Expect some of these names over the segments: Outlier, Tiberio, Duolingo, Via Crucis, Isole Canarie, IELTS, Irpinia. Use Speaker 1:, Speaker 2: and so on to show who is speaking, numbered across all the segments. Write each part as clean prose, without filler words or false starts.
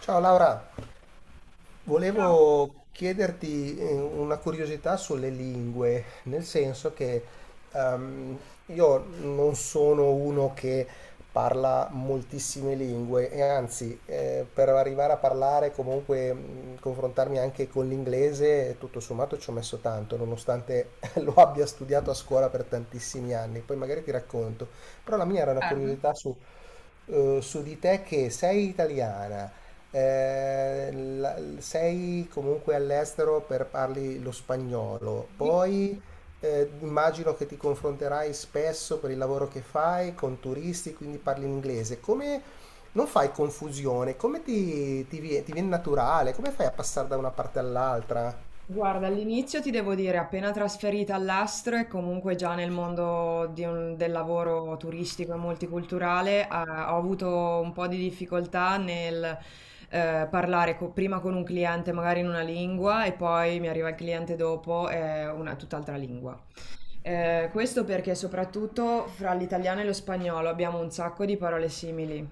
Speaker 1: Ciao Laura, volevo chiederti una curiosità sulle lingue, nel senso che ehm, io non sono uno che parla moltissime lingue e anzi per arrivare a parlare, comunque confrontarmi anche con l'inglese, tutto sommato ci ho messo tanto, nonostante lo abbia studiato a scuola per tantissimi anni, poi magari ti racconto. Però la mia era una curiosità su di te che sei italiana, sei comunque all'estero per parli lo spagnolo, poi immagino che ti confronterai spesso per il lavoro che fai con turisti, quindi parli in inglese. Come non fai confusione? Come ti viene naturale? Come fai a passare da una parte all'altra?
Speaker 2: Guarda, all'inizio ti devo dire, appena trasferita all'Astro e comunque già nel mondo del lavoro turistico e multiculturale, ho avuto un po' di difficoltà nel parlare prima con un cliente magari in una lingua e poi mi arriva il cliente dopo e una tutt'altra lingua. Questo perché soprattutto fra l'italiano e lo spagnolo abbiamo un sacco di parole simili,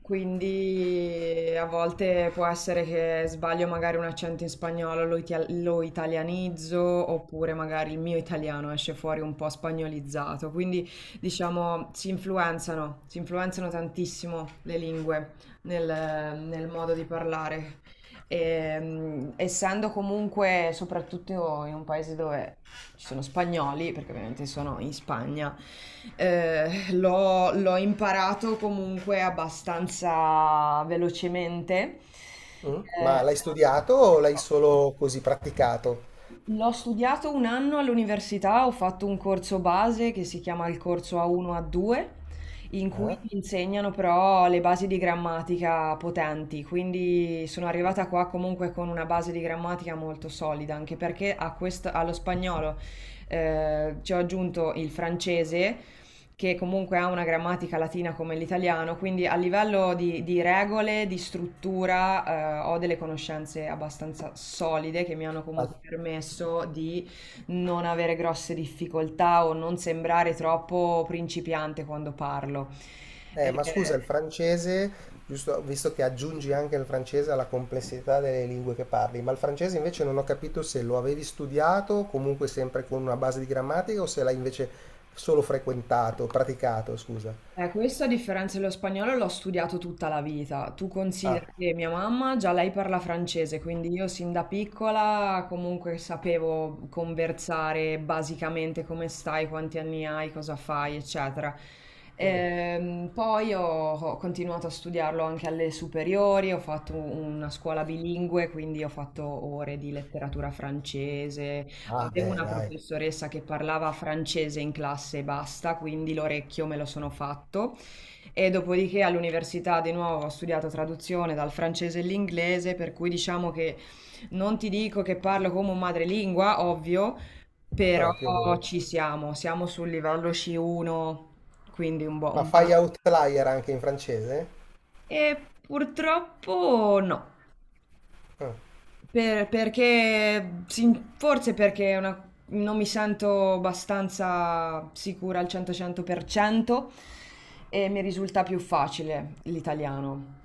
Speaker 2: quindi a volte può essere che sbaglio magari un accento in spagnolo, lo italianizzo, oppure magari il mio italiano esce fuori un po' spagnolizzato, quindi diciamo si influenzano tantissimo le lingue nel nel modo di parlare. E, essendo comunque, soprattutto in un paese dove ci sono spagnoli, perché ovviamente sono in Spagna, l'ho imparato comunque abbastanza velocemente.
Speaker 1: Mm?
Speaker 2: Eh,
Speaker 1: Ma l'hai studiato o l'hai solo così praticato?
Speaker 2: L'ho studiato un anno all'università, ho fatto un corso base che si chiama il corso A1 A2, in cui
Speaker 1: Eh?
Speaker 2: ti insegnano però le basi di grammatica potenti, quindi sono arrivata qua comunque con una base di grammatica molto solida, anche perché allo spagnolo ci ho aggiunto il francese che comunque ha una grammatica latina come l'italiano, quindi a livello di regole, di struttura, ho delle conoscenze abbastanza solide che mi hanno comunque permesso di non avere grosse difficoltà o non sembrare troppo principiante quando parlo. Eh,
Speaker 1: Ma scusa, il francese, giusto, visto che aggiungi anche il francese alla complessità delle lingue che parli, ma il francese invece non ho capito se lo avevi studiato, comunque sempre con una base di grammatica, o se l'hai invece solo frequentato, praticato, scusa.
Speaker 2: Questo a differenza dello spagnolo l'ho studiato tutta la vita. Tu considera
Speaker 1: Ah,
Speaker 2: che mia mamma già lei parla francese, quindi io sin da piccola comunque sapevo conversare basicamente come stai, quanti anni hai, cosa fai, eccetera.
Speaker 1: mm.
Speaker 2: Poi ho continuato a studiarlo anche alle superiori, ho fatto una scuola bilingue, quindi ho fatto ore di letteratura francese.
Speaker 1: Ah,
Speaker 2: Avevo
Speaker 1: beh,
Speaker 2: una
Speaker 1: dai,
Speaker 2: professoressa che parlava francese in classe e basta, quindi l'orecchio me lo sono fatto e dopodiché all'università di nuovo ho studiato traduzione dal francese all'inglese, per cui diciamo che non ti dico che parlo come un madrelingua, ovvio,
Speaker 1: ma
Speaker 2: però
Speaker 1: però più o meno.
Speaker 2: ci siamo, siamo sul livello C1, quindi
Speaker 1: Ma
Speaker 2: un buon-
Speaker 1: fai outlier anche in francese?
Speaker 2: E purtroppo no.
Speaker 1: Ah.
Speaker 2: Perché sin forse perché è una, non mi sento abbastanza sicura al 100, 100% e mi risulta più facile l'italiano.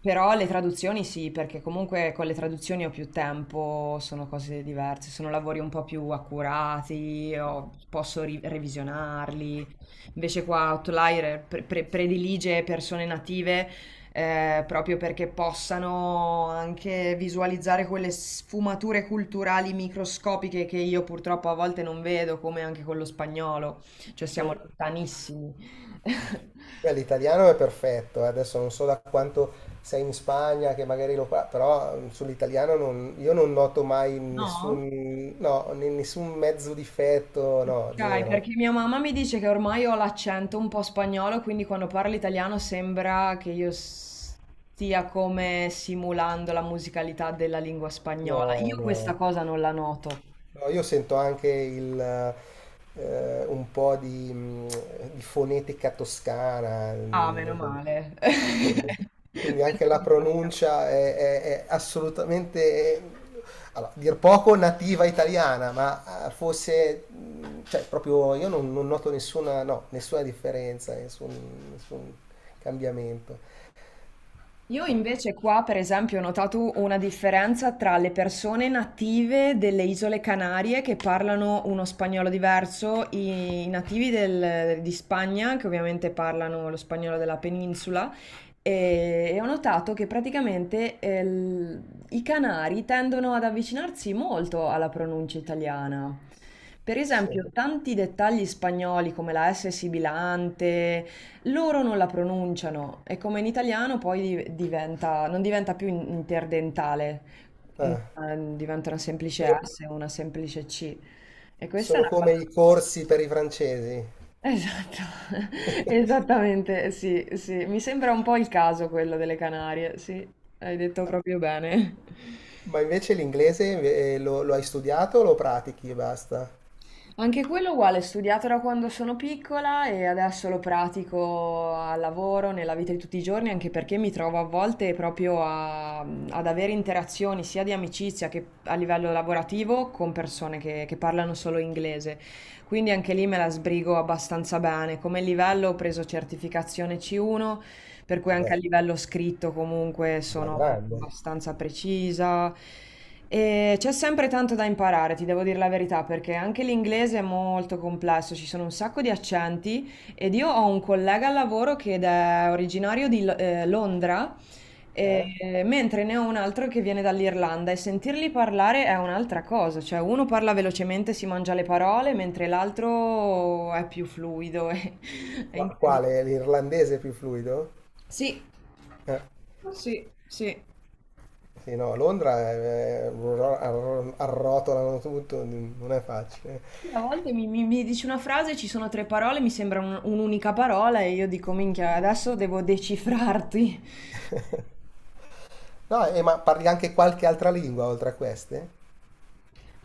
Speaker 2: Però le traduzioni sì, perché comunque con le traduzioni ho più tempo, sono cose diverse, sono lavori un po' più accurati, posso revisionarli. Invece qua Outlier predilige persone native proprio perché possano anche visualizzare quelle sfumature culturali microscopiche che io purtroppo a volte non vedo, come anche con lo spagnolo, cioè siamo
Speaker 1: Mm.
Speaker 2: lontanissimi.
Speaker 1: Beh, l'italiano è perfetto, adesso non so da quanto sei in Spagna, che magari lo parli, però sull'italiano io non noto mai
Speaker 2: No?
Speaker 1: nessun, no, nessun mezzo difetto, no,
Speaker 2: Ok, perché
Speaker 1: zero.
Speaker 2: mia mamma mi dice che ormai ho l'accento un po' spagnolo, quindi quando parlo italiano sembra che io stia come simulando la musicalità della lingua spagnola.
Speaker 1: No,
Speaker 2: Io questa
Speaker 1: no.
Speaker 2: cosa non la noto.
Speaker 1: No, io sento anche il, un po' di fonetica toscana,
Speaker 2: Ah, meno male.
Speaker 1: quindi, quindi anche
Speaker 2: Questo
Speaker 1: la
Speaker 2: mi piace.
Speaker 1: pronuncia è assolutamente, è- allora, dir poco nativa italiana, ma fosse, cioè proprio io non noto nessuna, no, nessuna differenza, nessun cambiamento.
Speaker 2: Io invece qua, per esempio, ho notato una differenza tra le persone native delle Isole Canarie che parlano uno spagnolo diverso, i nativi di Spagna che ovviamente parlano lo spagnolo della penisola e ho notato che praticamente i canari tendono ad avvicinarsi molto alla pronuncia italiana. Per
Speaker 1: Sì.
Speaker 2: esempio, tanti dettagli spagnoli come la S sibilante, loro non la pronunciano e come in italiano poi diventa, non diventa più interdentale,
Speaker 1: Ah,
Speaker 2: diventa una semplice
Speaker 1: sono
Speaker 2: S o una semplice C. E questa è
Speaker 1: sono
Speaker 2: una cosa...
Speaker 1: come i corsi per i francesi.
Speaker 2: Esatto, esattamente, sì, sì. Mi sembra un po' il caso quello delle Canarie, sì, hai detto proprio bene.
Speaker 1: Ma invece l'inglese lo hai studiato o lo pratichi e basta?
Speaker 2: Anche quello uguale, studiato da quando sono piccola e adesso lo pratico al lavoro, nella vita di tutti i giorni, anche perché mi trovo a volte proprio ad avere interazioni sia di amicizia che a livello lavorativo con persone che parlano solo inglese. Quindi anche lì me la sbrigo abbastanza bene. Come livello ho preso certificazione C1 per cui anche a
Speaker 1: Vabbè,
Speaker 2: livello scritto comunque
Speaker 1: alla
Speaker 2: sono
Speaker 1: grande.
Speaker 2: abbastanza precisa. E c'è sempre tanto da imparare, ti devo dire la verità, perché anche l'inglese è molto complesso, ci sono un sacco di accenti ed io ho un collega al lavoro che ed è originario di Londra,
Speaker 1: Eh?
Speaker 2: mentre ne ho un altro che viene dall'Irlanda e sentirli parlare è un'altra cosa, cioè uno parla velocemente, si mangia le parole, mentre l'altro è più fluido, è
Speaker 1: Qua-
Speaker 2: incredibile.
Speaker 1: quale? L'irlandese più fluido?
Speaker 2: Sì,
Speaker 1: Eh,
Speaker 2: sì, sì.
Speaker 1: Sì, no, a Londra arrotolano tutto, non è facile.
Speaker 2: Sì, a volte mi dici una frase, ci sono tre parole, mi sembra un'unica parola e io dico, minchia, adesso devo decifrarti.
Speaker 1: No, e ma parli anche qualche altra lingua oltre a queste?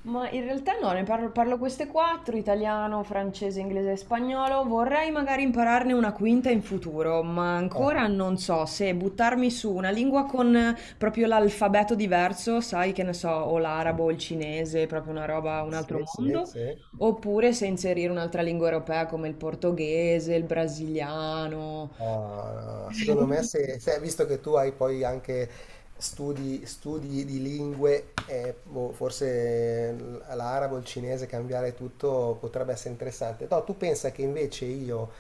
Speaker 2: Ma in realtà no, ne parlo, parlo queste quattro, italiano, francese, inglese e spagnolo. Vorrei magari impararne una quinta in futuro, ma
Speaker 1: Ah,
Speaker 2: ancora non so se buttarmi su una lingua con proprio l'alfabeto diverso, sai che ne so, o l'arabo o il cinese, proprio una roba, un altro
Speaker 1: sì, sì,
Speaker 2: mondo,
Speaker 1: sì.
Speaker 2: oppure se inserire un'altra lingua europea come il portoghese, il brasiliano.
Speaker 1: No, no, no.
Speaker 2: Eh,
Speaker 1: Secondo me,
Speaker 2: non-
Speaker 1: visto che tu hai poi anche studi di lingue, e boh, forse l'arabo, il cinese, cambiare tutto potrebbe essere interessante. No, tu pensa che invece io,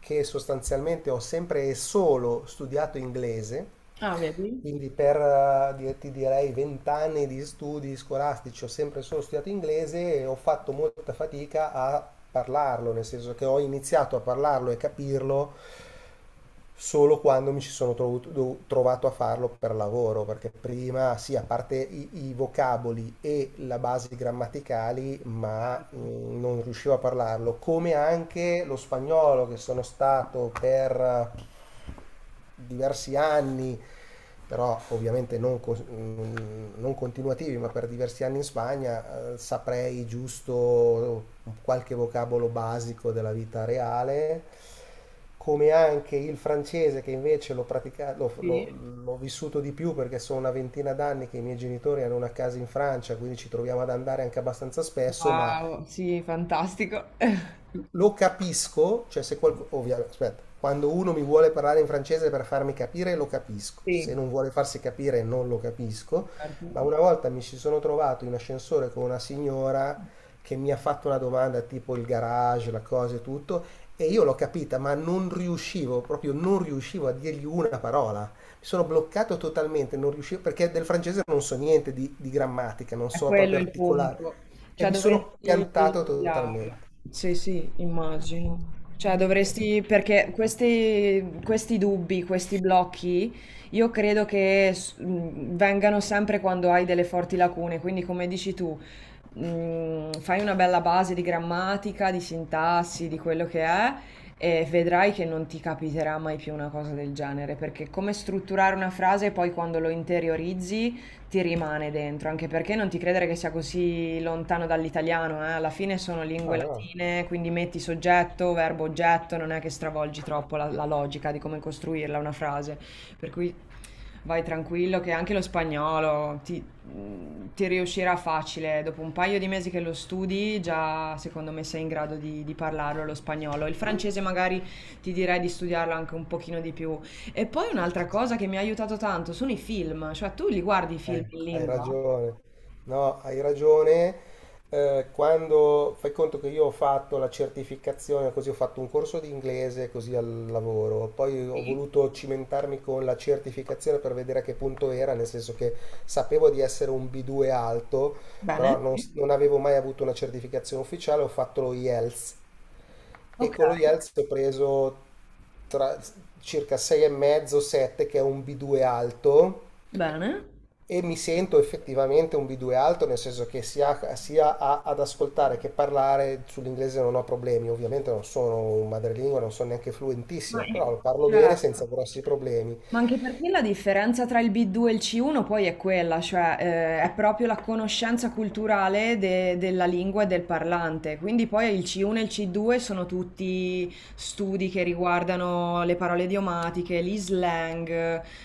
Speaker 1: che sostanzialmente ho sempre e solo studiato inglese,
Speaker 2: Ah, vedi?
Speaker 1: quindi per, ti direi, vent'anni di studi scolastici ho sempre solo studiato inglese e ho fatto molta fatica a parlarlo, nel senso che ho iniziato a parlarlo e capirlo solo quando mi ci sono trovato a farlo per lavoro, perché prima sì, a parte i vocaboli e la base grammaticali, ma non riuscivo a parlarlo, come anche lo spagnolo che sono stato per diversi anni, però ovviamente non continuativi, ma per diversi anni in Spagna, saprei giusto qualche vocabolo basico della vita reale, come anche il francese che invece l'ho, praticato,
Speaker 2: Sì.
Speaker 1: l'ho vissuto di più perché sono una ventina d'anni che i miei genitori hanno una casa in Francia, quindi ci troviamo ad andare anche abbastanza spesso, ma
Speaker 2: Wow, sì, fantastico.
Speaker 1: lo capisco, cioè se qualcuno, ovviamente, aspetta, quando uno mi vuole parlare in francese per farmi capire lo capisco, se
Speaker 2: Sì,
Speaker 1: non vuole farsi capire non lo capisco,
Speaker 2: certo.
Speaker 1: ma una volta mi ci sono trovato in ascensore con una signora che mi ha fatto una domanda tipo il garage, la cosa e tutto, e io l'ho capita, ma non riuscivo, proprio non riuscivo a dirgli una parola. Mi sono bloccato totalmente, non riuscivo, perché del francese non so niente di grammatica, non
Speaker 2: È
Speaker 1: so
Speaker 2: quello
Speaker 1: proprio
Speaker 2: il
Speaker 1: articolare,
Speaker 2: punto.
Speaker 1: e
Speaker 2: Cioè
Speaker 1: mi sono
Speaker 2: dovresti
Speaker 1: piantato
Speaker 2: studiarlo.
Speaker 1: totalmente.
Speaker 2: Sì, sì, immagino. Cioè dovresti, perché questi dubbi, questi blocchi, io credo che vengano sempre quando hai delle forti lacune. Quindi come dici tu, fai una bella base di grammatica, di sintassi, di quello che è, e vedrai che non ti capiterà mai più una cosa del genere, perché come strutturare una frase poi quando lo interiorizzi ti rimane dentro, anche perché non ti credere che sia così lontano dall'italiano, eh? Alla fine sono
Speaker 1: Ah,
Speaker 2: lingue
Speaker 1: ah,
Speaker 2: latine, quindi metti soggetto, verbo, oggetto, non è che stravolgi troppo la logica di come costruirla una frase, per cui vai tranquillo che anche lo spagnolo ti riuscirà facile. Dopo un paio di mesi che lo studi, già secondo me sei in grado di parlarlo lo spagnolo. Il francese magari ti direi di studiarlo anche un pochino di più. E poi
Speaker 1: sì,
Speaker 2: un'altra
Speaker 1: sì.
Speaker 2: cosa che mi ha aiutato tanto sono i film, cioè tu li guardi i film in
Speaker 1: Hai
Speaker 2: lingua?
Speaker 1: ragione. No, hai ragione. Quando fai conto che io ho fatto la certificazione, così ho fatto un corso di inglese così al lavoro, poi ho voluto cimentarmi con la certificazione per vedere a che punto era, nel senso che sapevo di essere un B2 alto,
Speaker 2: Bene.
Speaker 1: però non avevo mai avuto una certificazione ufficiale, ho fatto lo IELTS e
Speaker 2: Ok,
Speaker 1: con lo IELTS ho preso tra, circa 6,5-7, che è un B2 alto
Speaker 2: bene.
Speaker 1: e mi sento effettivamente un B2 alto, nel senso che sia ad ascoltare che parlare sull'inglese non ho problemi, ovviamente non sono un madrelingua, non sono neanche
Speaker 2: Ma
Speaker 1: fluentissimo, però
Speaker 2: in-
Speaker 1: lo parlo bene senza
Speaker 2: certo.
Speaker 1: grossi problemi.
Speaker 2: Ma anche perché la differenza tra il B2 e il C1 poi è quella, cioè è proprio la conoscenza culturale della lingua e del parlante. Quindi poi il C1 e il C2 sono tutti studi che riguardano le parole idiomatiche, gli slang,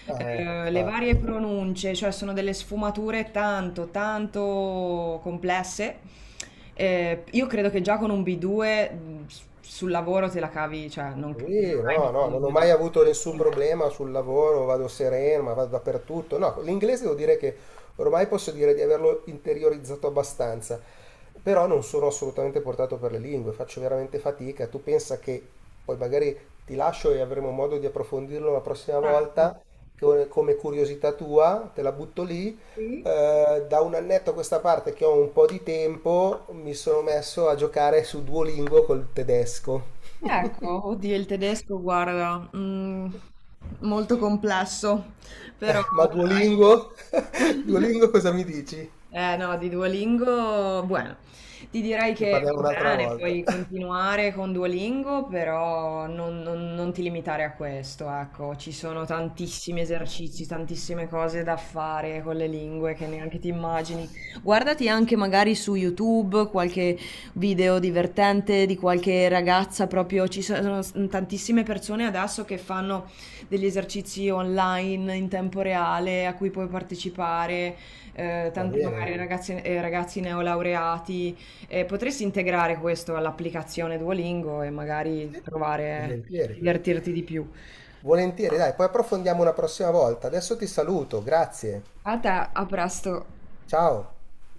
Speaker 1: Eh,
Speaker 2: le
Speaker 1: ma-
Speaker 2: varie pronunce, cioè sono delle sfumature tanto, tanto complesse. Io credo che già con un B2 sul lavoro te la cavi, cioè non
Speaker 1: Sì, no,
Speaker 2: hai
Speaker 1: no, non ho
Speaker 2: bisogno di...
Speaker 1: mai avuto nessun
Speaker 2: di-
Speaker 1: problema sul lavoro, vado sereno, ma vado dappertutto. No, l'inglese devo dire che ormai posso dire di averlo interiorizzato abbastanza, però non sono assolutamente portato per le lingue, faccio veramente fatica. Tu pensa che poi magari ti lascio e avremo modo di approfondirlo la prossima
Speaker 2: Bravo.
Speaker 1: volta, come curiosità tua, te la butto lì.
Speaker 2: Sì.
Speaker 1: Da un annetto a questa parte che ho un po' di tempo, mi sono messo a giocare su Duolingo col tedesco.
Speaker 2: Ecco, oddio, il tedesco, guarda, molto complesso, però
Speaker 1: Ma Duolingo?
Speaker 2: dai.
Speaker 1: Duolingo cosa mi dici?
Speaker 2: Eh no, di Duolingo, bueno, ti direi
Speaker 1: Ne
Speaker 2: che
Speaker 1: parliamo
Speaker 2: va
Speaker 1: un'altra
Speaker 2: bene,
Speaker 1: volta.
Speaker 2: puoi continuare con Duolingo, però non ti limitare a questo, ecco, ci sono tantissimi esercizi, tantissime cose da fare con le lingue che neanche ti immagini. Guardati anche magari su YouTube qualche video divertente di qualche ragazza, proprio ci sono tantissime persone adesso che fanno degli esercizi online in tempo reale a cui puoi partecipare,
Speaker 1: Va
Speaker 2: tanti
Speaker 1: bene?
Speaker 2: magari ragazzi, ragazzi neolaureati. Potresti integrare questo all'applicazione Duolingo e magari
Speaker 1: Sì,
Speaker 2: provare a
Speaker 1: volentieri.
Speaker 2: divertirti di più.
Speaker 1: Volentieri, dai, poi approfondiamo una prossima volta. Adesso ti saluto, grazie.
Speaker 2: A te, a presto.
Speaker 1: Ciao.